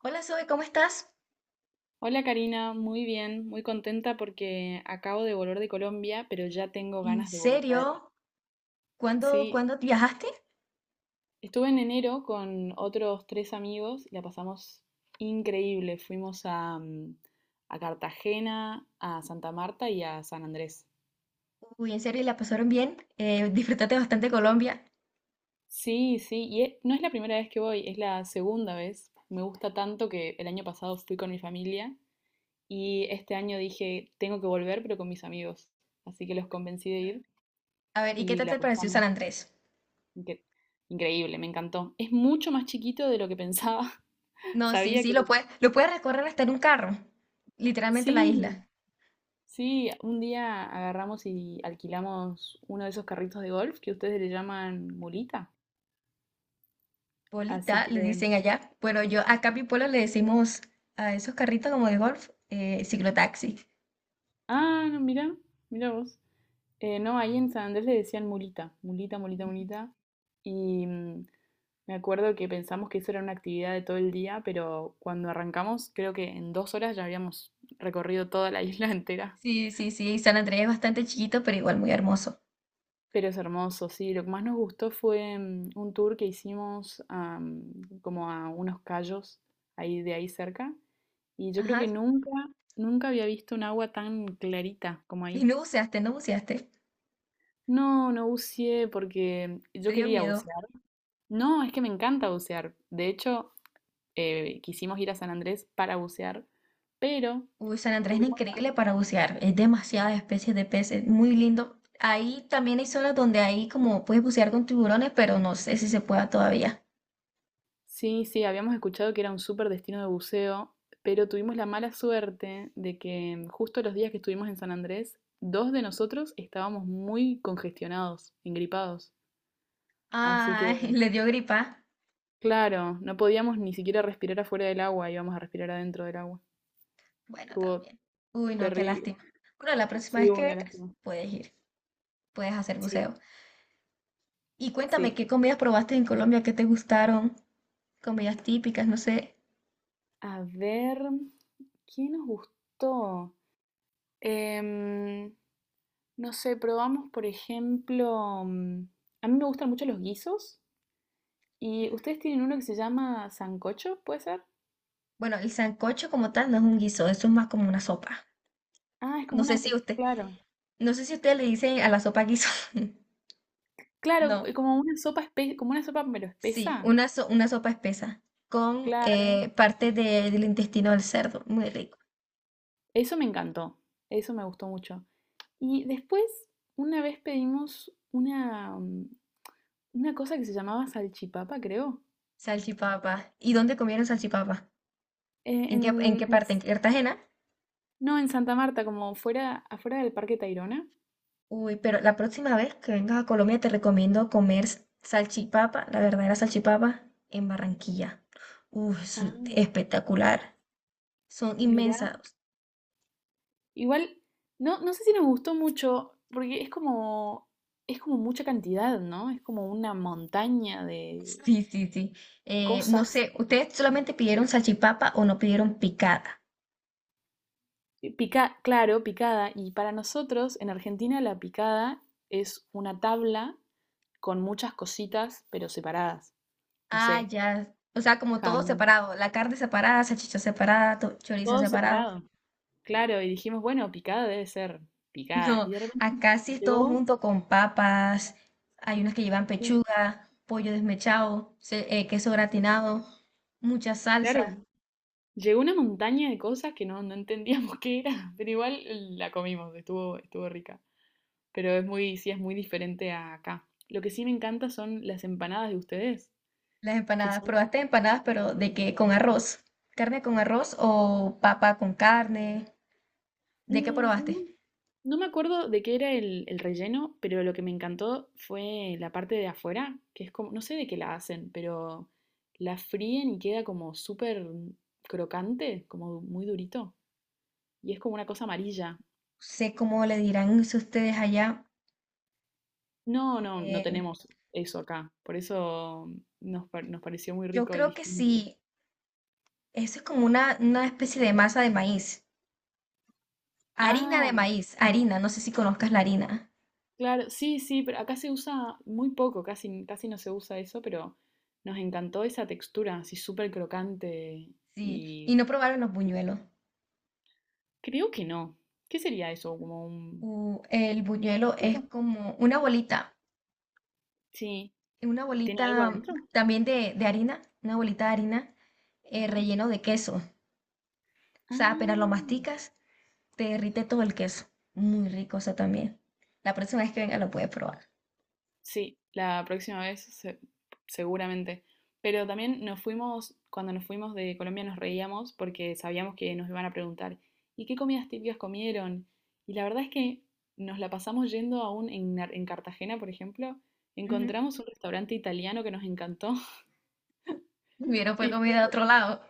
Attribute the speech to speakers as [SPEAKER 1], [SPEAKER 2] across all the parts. [SPEAKER 1] Hola, Zoe, ¿cómo estás?
[SPEAKER 2] Hola Karina, muy bien, muy contenta porque acabo de volver de Colombia, pero ya tengo
[SPEAKER 1] ¿En
[SPEAKER 2] ganas de volver.
[SPEAKER 1] serio? ¿Cuándo,
[SPEAKER 2] Sí,
[SPEAKER 1] cuándo viajaste?
[SPEAKER 2] estuve en enero con otros tres amigos y la pasamos increíble. Fuimos a Cartagena, a Santa Marta y a San Andrés.
[SPEAKER 1] Uy, ¿en serio? ¿Y la pasaron bien? ¿Disfrutaste bastante Colombia?
[SPEAKER 2] Sí, sí, y no es la primera vez que voy, es la segunda vez. Me gusta tanto que el año pasado fui con mi familia y este año dije, tengo que volver, pero con mis amigos. Así que los convencí de ir
[SPEAKER 1] A ver, ¿y qué
[SPEAKER 2] y
[SPEAKER 1] tal
[SPEAKER 2] la
[SPEAKER 1] te pareció
[SPEAKER 2] pasamos.
[SPEAKER 1] San Andrés?
[SPEAKER 2] Incre- increíble, me encantó. Es mucho más chiquito de lo que pensaba.
[SPEAKER 1] No, sí,
[SPEAKER 2] Sabía
[SPEAKER 1] sí,
[SPEAKER 2] que.
[SPEAKER 1] lo puedes recorrer hasta en un carro, literalmente la
[SPEAKER 2] Sí,
[SPEAKER 1] isla.
[SPEAKER 2] sí, un día agarramos y alquilamos uno de esos carritos de golf que ustedes le llaman mulita. Así
[SPEAKER 1] Bolita,
[SPEAKER 2] que.
[SPEAKER 1] le dicen allá. Bueno, yo acá en mi pueblo le decimos a esos carritos como de golf, ciclotaxi.
[SPEAKER 2] Ah, no, mira, mira vos. No, ahí en San Andrés le decían mulita, mulita, mulita, mulita. Y me acuerdo que pensamos que eso era una actividad de todo el día, pero cuando arrancamos, creo que en 2 horas ya habíamos recorrido toda la isla entera.
[SPEAKER 1] Sí, sí, sí, San Andrés es bastante chiquito, pero igual muy hermoso.
[SPEAKER 2] Pero es hermoso, sí. Lo que más nos gustó fue un tour que hicimos como a unos cayos ahí de ahí cerca. Y yo creo que
[SPEAKER 1] Ajá.
[SPEAKER 2] nunca había visto un agua tan clarita como
[SPEAKER 1] ¿Y
[SPEAKER 2] ahí.
[SPEAKER 1] no buceaste? ¿No buceaste?
[SPEAKER 2] No, no buceé porque yo
[SPEAKER 1] ¿Te dio
[SPEAKER 2] quería
[SPEAKER 1] miedo?
[SPEAKER 2] bucear. No, es que me encanta bucear. De hecho, quisimos ir a San Andrés para bucear, pero
[SPEAKER 1] Uy, San Andrés es
[SPEAKER 2] tuvimos.
[SPEAKER 1] increíble para bucear, es demasiadas especies de peces, muy lindo. Ahí también hay zonas donde ahí como puedes bucear con tiburones, pero no sé si se pueda todavía.
[SPEAKER 2] Sí, sí, habíamos escuchado que era un súper destino de buceo, pero tuvimos la mala suerte de que justo los días que estuvimos en San Andrés, dos de nosotros estábamos muy congestionados, engripados. Así que,
[SPEAKER 1] Ay, le dio gripa.
[SPEAKER 2] claro, no podíamos ni siquiera respirar afuera del agua, íbamos a respirar adentro del agua.
[SPEAKER 1] Bueno,
[SPEAKER 2] Estuvo
[SPEAKER 1] también. Uy, no, qué
[SPEAKER 2] terrible.
[SPEAKER 1] lástima. Bueno, la próxima
[SPEAKER 2] Sí,
[SPEAKER 1] vez que
[SPEAKER 2] una
[SPEAKER 1] vengas,
[SPEAKER 2] lástima.
[SPEAKER 1] puedes ir, puedes hacer
[SPEAKER 2] Sí,
[SPEAKER 1] buceo. Y cuéntame,
[SPEAKER 2] sí.
[SPEAKER 1] ¿qué comidas probaste en Colombia? ¿Qué te gustaron? Comidas típicas, no sé.
[SPEAKER 2] A ver, ¿qué nos gustó? Em, no sé, probamos, por ejemplo, a mí me gustan mucho los guisos. ¿Y ustedes tienen uno que se llama sancocho, puede ser?
[SPEAKER 1] Bueno, el sancocho como tal no es un guiso, eso es más como una sopa.
[SPEAKER 2] Ah, es
[SPEAKER 1] No
[SPEAKER 2] como
[SPEAKER 1] sé
[SPEAKER 2] una,
[SPEAKER 1] si
[SPEAKER 2] es
[SPEAKER 1] usted,
[SPEAKER 2] claro.
[SPEAKER 1] no sé si usted le dice a la sopa guiso.
[SPEAKER 2] Claro,
[SPEAKER 1] No.
[SPEAKER 2] como una como una sopa pero
[SPEAKER 1] Sí,
[SPEAKER 2] espesa.
[SPEAKER 1] una, una sopa espesa con
[SPEAKER 2] Claro.
[SPEAKER 1] parte del intestino del cerdo. Muy rico.
[SPEAKER 2] Eso me encantó. Eso me gustó mucho. Y después, una vez pedimos una cosa que se llamaba salchipapa, creo.
[SPEAKER 1] Salchipapa. ¿Y dónde comieron salchipapa? ¿En qué, en
[SPEAKER 2] En,
[SPEAKER 1] qué
[SPEAKER 2] en
[SPEAKER 1] parte? ¿En Cartagena?
[SPEAKER 2] No, en Santa Marta, como fuera, afuera del Parque Tayrona.
[SPEAKER 1] Uy, pero la próxima vez que vengas a Colombia te recomiendo comer salchipapa, la verdadera salchipapa, en Barranquilla. Uy,
[SPEAKER 2] Ah,
[SPEAKER 1] espectacular. Son
[SPEAKER 2] mirá.
[SPEAKER 1] inmensas.
[SPEAKER 2] Igual, no, no sé si nos gustó mucho, porque es como mucha cantidad, ¿no? Es como una montaña de
[SPEAKER 1] Sí, sí, sí. No
[SPEAKER 2] cosas.
[SPEAKER 1] sé, ¿ustedes solamente pidieron salchipapa o no pidieron picada?
[SPEAKER 2] Y claro, picada. Y para nosotros, en Argentina, la picada es una tabla con muchas cositas, pero separadas. No
[SPEAKER 1] Ah,
[SPEAKER 2] sé,
[SPEAKER 1] ya. O sea, como todo
[SPEAKER 2] jamón
[SPEAKER 1] separado. La carne separada, salchicha separada, chorizo
[SPEAKER 2] todo
[SPEAKER 1] separado.
[SPEAKER 2] separado. Claro, y dijimos, bueno, picada debe ser picada.
[SPEAKER 1] No,
[SPEAKER 2] Y de repente
[SPEAKER 1] acá sí es todo
[SPEAKER 2] llegó,
[SPEAKER 1] junto con papas. Hay unas que llevan
[SPEAKER 2] sí,
[SPEAKER 1] pechuga, pollo desmechado, queso gratinado, mucha
[SPEAKER 2] claro,
[SPEAKER 1] salsa.
[SPEAKER 2] llegó una montaña de cosas que no, no entendíamos qué era, pero igual la comimos, estuvo, estuvo rica. Pero es muy, sí, es muy diferente a acá. Lo que sí me encanta son las empanadas de ustedes,
[SPEAKER 1] Las
[SPEAKER 2] que
[SPEAKER 1] empanadas,
[SPEAKER 2] son.
[SPEAKER 1] probaste empanadas, pero ¿de qué? ¿Con arroz? ¿Carne con arroz o papa con carne? ¿De qué probaste? No
[SPEAKER 2] No, no me acuerdo de qué era el relleno, pero lo que me encantó fue la parte de afuera, que es como, no sé de qué la hacen, pero la fríen y queda como súper crocante, como muy durito. Y es como una cosa amarilla.
[SPEAKER 1] sé cómo le dirán eso ustedes allá.
[SPEAKER 2] No, no, no
[SPEAKER 1] Eh,
[SPEAKER 2] tenemos eso acá. Por eso nos, nos pareció muy
[SPEAKER 1] yo
[SPEAKER 2] rico y
[SPEAKER 1] creo que
[SPEAKER 2] distinto.
[SPEAKER 1] sí. Eso es como una especie de masa de maíz. Harina de
[SPEAKER 2] Ah,
[SPEAKER 1] maíz, harina, no sé si conozcas la harina.
[SPEAKER 2] claro, sí, sí, pero acá se usa muy poco, casi, casi no se usa eso, pero nos encantó esa textura, así súper crocante
[SPEAKER 1] Sí, ¿y
[SPEAKER 2] y
[SPEAKER 1] no probaron los buñuelos?
[SPEAKER 2] creo que no. ¿Qué sería eso? ¿Como un
[SPEAKER 1] El buñuelo es
[SPEAKER 2] frito?
[SPEAKER 1] como
[SPEAKER 2] Sí,
[SPEAKER 1] una
[SPEAKER 2] ¿tiene algo
[SPEAKER 1] bolita
[SPEAKER 2] adentro?
[SPEAKER 1] también de harina, una bolita de harina
[SPEAKER 2] Ajá.
[SPEAKER 1] relleno de queso. O sea, apenas lo
[SPEAKER 2] Ah.
[SPEAKER 1] masticas, te derrite todo el queso. Muy rico eso también. La próxima vez que venga lo puedes probar.
[SPEAKER 2] Sí, la próxima seguramente. Pero también nos fuimos, cuando nos fuimos de Colombia nos reíamos porque sabíamos que nos iban a preguntar, ¿y qué comidas típicas comieron? Y la verdad es que nos la pasamos yendo aún en Cartagena, por ejemplo,
[SPEAKER 1] Ujú.
[SPEAKER 2] encontramos un restaurante italiano que nos encantó
[SPEAKER 1] Hubiera fue
[SPEAKER 2] y, fu-
[SPEAKER 1] comida de otro lado.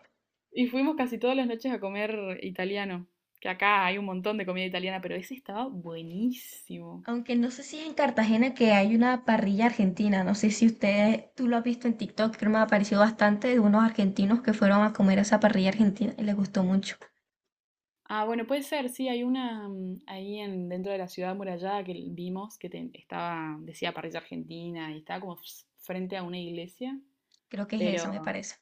[SPEAKER 2] y fuimos casi todas las noches a comer italiano, que acá hay un montón de comida italiana, pero ese estaba buenísimo.
[SPEAKER 1] Aunque no sé si es en Cartagena que hay una parrilla argentina, no sé si usted, tú lo has visto en TikTok, creo que me ha aparecido bastante de unos argentinos que fueron a comer a esa parrilla argentina y les gustó mucho.
[SPEAKER 2] Ah, bueno, puede ser, sí, hay una ahí en, dentro de la ciudad amurallada que vimos que estaba, decía parrilla argentina y estaba como frente a una iglesia,
[SPEAKER 1] Creo que es eso, me
[SPEAKER 2] pero,
[SPEAKER 1] parece.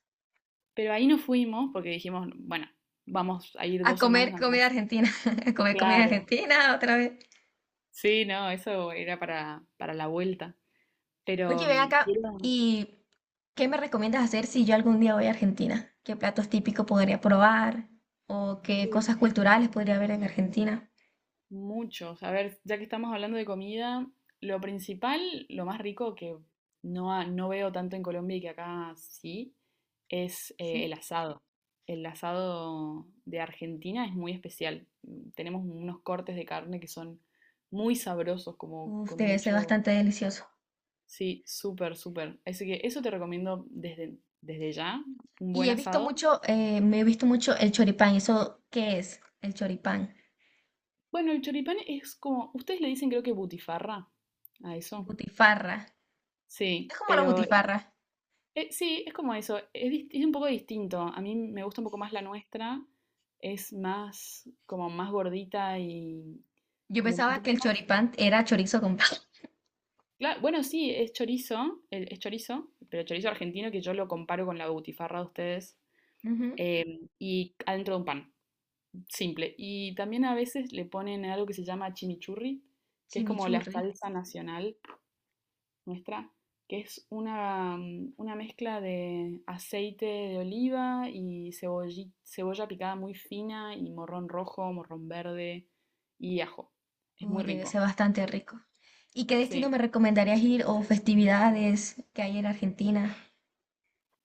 [SPEAKER 2] pero ahí no fuimos porque dijimos, bueno, vamos a ir
[SPEAKER 1] A
[SPEAKER 2] dos
[SPEAKER 1] comer
[SPEAKER 2] semanas nada
[SPEAKER 1] comida
[SPEAKER 2] más.
[SPEAKER 1] argentina, a comer comida
[SPEAKER 2] Claro.
[SPEAKER 1] argentina otra vez.
[SPEAKER 2] Sí, no, eso era para la vuelta. Pero
[SPEAKER 1] Oye, ven acá
[SPEAKER 2] quiero.
[SPEAKER 1] y ¿qué me recomiendas hacer si yo algún día voy a Argentina? ¿Qué platos típicos podría probar? ¿O qué cosas culturales podría ver en Argentina?
[SPEAKER 2] Muchos. A ver, ya que estamos hablando de comida, lo principal, lo más rico que no, no veo tanto en Colombia y que acá sí, es
[SPEAKER 1] Sí.
[SPEAKER 2] el asado. El asado de Argentina es muy especial. Tenemos unos cortes de carne que son muy sabrosos, como
[SPEAKER 1] Uf,
[SPEAKER 2] con
[SPEAKER 1] debe ser
[SPEAKER 2] mucho.
[SPEAKER 1] bastante delicioso.
[SPEAKER 2] Sí, súper, súper. Así que eso te recomiendo desde, desde ya, un
[SPEAKER 1] Y
[SPEAKER 2] buen
[SPEAKER 1] he visto
[SPEAKER 2] asado.
[SPEAKER 1] mucho, me he visto mucho el choripán. ¿Eso qué es? El choripán.
[SPEAKER 2] Bueno, el choripán es como, ustedes le dicen creo que butifarra a eso.
[SPEAKER 1] Butifarra.
[SPEAKER 2] Sí,
[SPEAKER 1] Es como la
[SPEAKER 2] pero.
[SPEAKER 1] butifarra.
[SPEAKER 2] Sí, es como eso, es un poco distinto. A mí me gusta un poco más la nuestra, es más como más gordita y
[SPEAKER 1] Yo
[SPEAKER 2] como un
[SPEAKER 1] pensaba que
[SPEAKER 2] poquito
[SPEAKER 1] el
[SPEAKER 2] más.
[SPEAKER 1] choripán era chorizo con pan.
[SPEAKER 2] Claro, bueno, sí, es chorizo, es chorizo, pero chorizo argentino que yo lo comparo con la butifarra de ustedes
[SPEAKER 1] Ujú.
[SPEAKER 2] y adentro de un pan, simple. Y también a veces le ponen algo que se llama chimichurri, que es como la
[SPEAKER 1] Chimichurri.
[SPEAKER 2] salsa nacional nuestra, que es una mezcla de aceite de oliva y cebolla picada muy fina y morrón rojo, morrón verde y ajo. Es muy
[SPEAKER 1] Debe
[SPEAKER 2] rico.
[SPEAKER 1] ser bastante rico. ¿Y qué destino
[SPEAKER 2] Sí.
[SPEAKER 1] me recomendarías ir o festividades que hay en Argentina?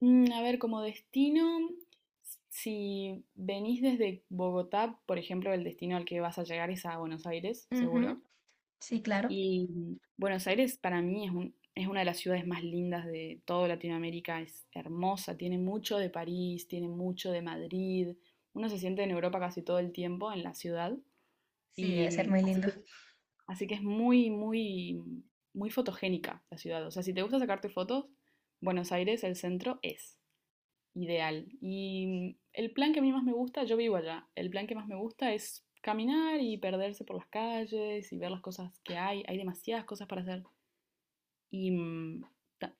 [SPEAKER 2] A ver, como destino, si venís desde Bogotá, por ejemplo, el destino al que vas a llegar es a Buenos Aires, seguro.
[SPEAKER 1] Ujú. Sí, claro.
[SPEAKER 2] Y Buenos Aires para mí es es una de las ciudades más lindas de toda Latinoamérica, es hermosa, tiene mucho de París, tiene mucho de Madrid, uno se siente en Europa casi todo el tiempo en la ciudad
[SPEAKER 1] Sí,
[SPEAKER 2] y
[SPEAKER 1] debe ser muy
[SPEAKER 2] así
[SPEAKER 1] lindo.
[SPEAKER 2] que así que es muy, muy, muy fotogénica la ciudad, o sea, si te gusta sacarte fotos, Buenos Aires, el centro es ideal. Y el plan que a mí más me gusta, yo vivo allá, el plan que más me gusta es caminar y perderse por las calles y ver las cosas que hay. Hay demasiadas cosas para hacer. Y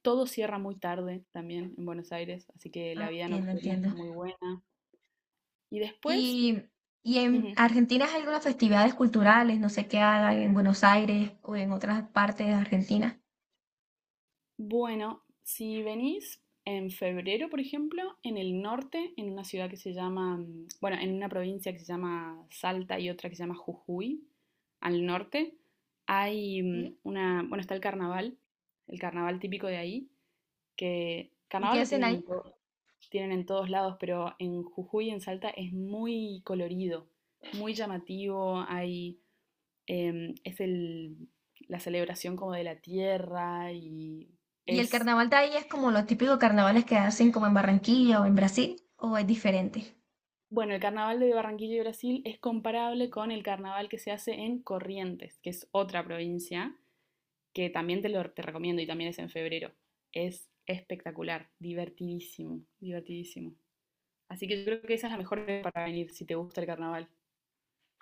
[SPEAKER 2] todo cierra muy tarde también en Buenos Aires, así que
[SPEAKER 1] Ah,
[SPEAKER 2] la vida
[SPEAKER 1] entiendo,
[SPEAKER 2] nocturna
[SPEAKER 1] entiendo.
[SPEAKER 2] está muy buena. Y después,
[SPEAKER 1] ¿Y, y en
[SPEAKER 2] ujú.
[SPEAKER 1] Argentina hay algunas festividades culturales? No sé qué hagan en Buenos Aires o en otras partes de Argentina.
[SPEAKER 2] Bueno, si venís en febrero, por ejemplo, en el norte, en una ciudad que se llama, bueno, en una provincia que se llama Salta y otra que se llama Jujuy, al norte, hay,
[SPEAKER 1] Sí.
[SPEAKER 2] bueno, está el carnaval típico de ahí, que
[SPEAKER 1] ¿Y qué
[SPEAKER 2] carnaval lo
[SPEAKER 1] hacen
[SPEAKER 2] tienen en
[SPEAKER 1] ahí?
[SPEAKER 2] tienen en todos lados, pero en Jujuy y en Salta es muy colorido, muy llamativo, hay, es la celebración como de la tierra y
[SPEAKER 1] ¿Y el
[SPEAKER 2] es
[SPEAKER 1] carnaval de ahí es como los típicos carnavales que hacen como en Barranquilla o en Brasil? ¿O es diferente?
[SPEAKER 2] bueno, el carnaval de Barranquilla y Brasil es comparable con el carnaval que se hace en Corrientes, que es otra provincia, que también te lo te recomiendo y también es en febrero. Es espectacular, divertidísimo, divertidísimo. Así que yo creo que esa es la mejor época para venir si te gusta el carnaval,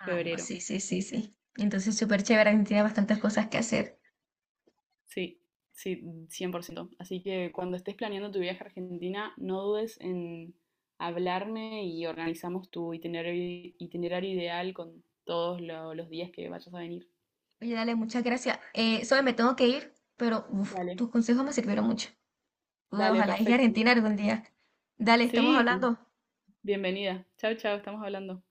[SPEAKER 1] Ah, no, sí, sí, sí, sí. Entonces, súper chévere, Argentina, bastantes cosas que hacer.
[SPEAKER 2] Sí, sí, 100%. Así que cuando estés planeando tu viaje a Argentina, no dudes en hablarme y organizamos tu itinerario ideal con todos los días que vayas a venir.
[SPEAKER 1] Oye, dale, muchas gracias. Zoe, me tengo que ir, pero uf,
[SPEAKER 2] Dale.
[SPEAKER 1] tus consejos me sirvieron mucho. Uy,
[SPEAKER 2] Dale,
[SPEAKER 1] ojalá llegue a
[SPEAKER 2] perfecto.
[SPEAKER 1] Argentina algún día. Dale, estamos
[SPEAKER 2] Sí,
[SPEAKER 1] hablando.
[SPEAKER 2] bienvenida. Chao, chao, estamos hablando.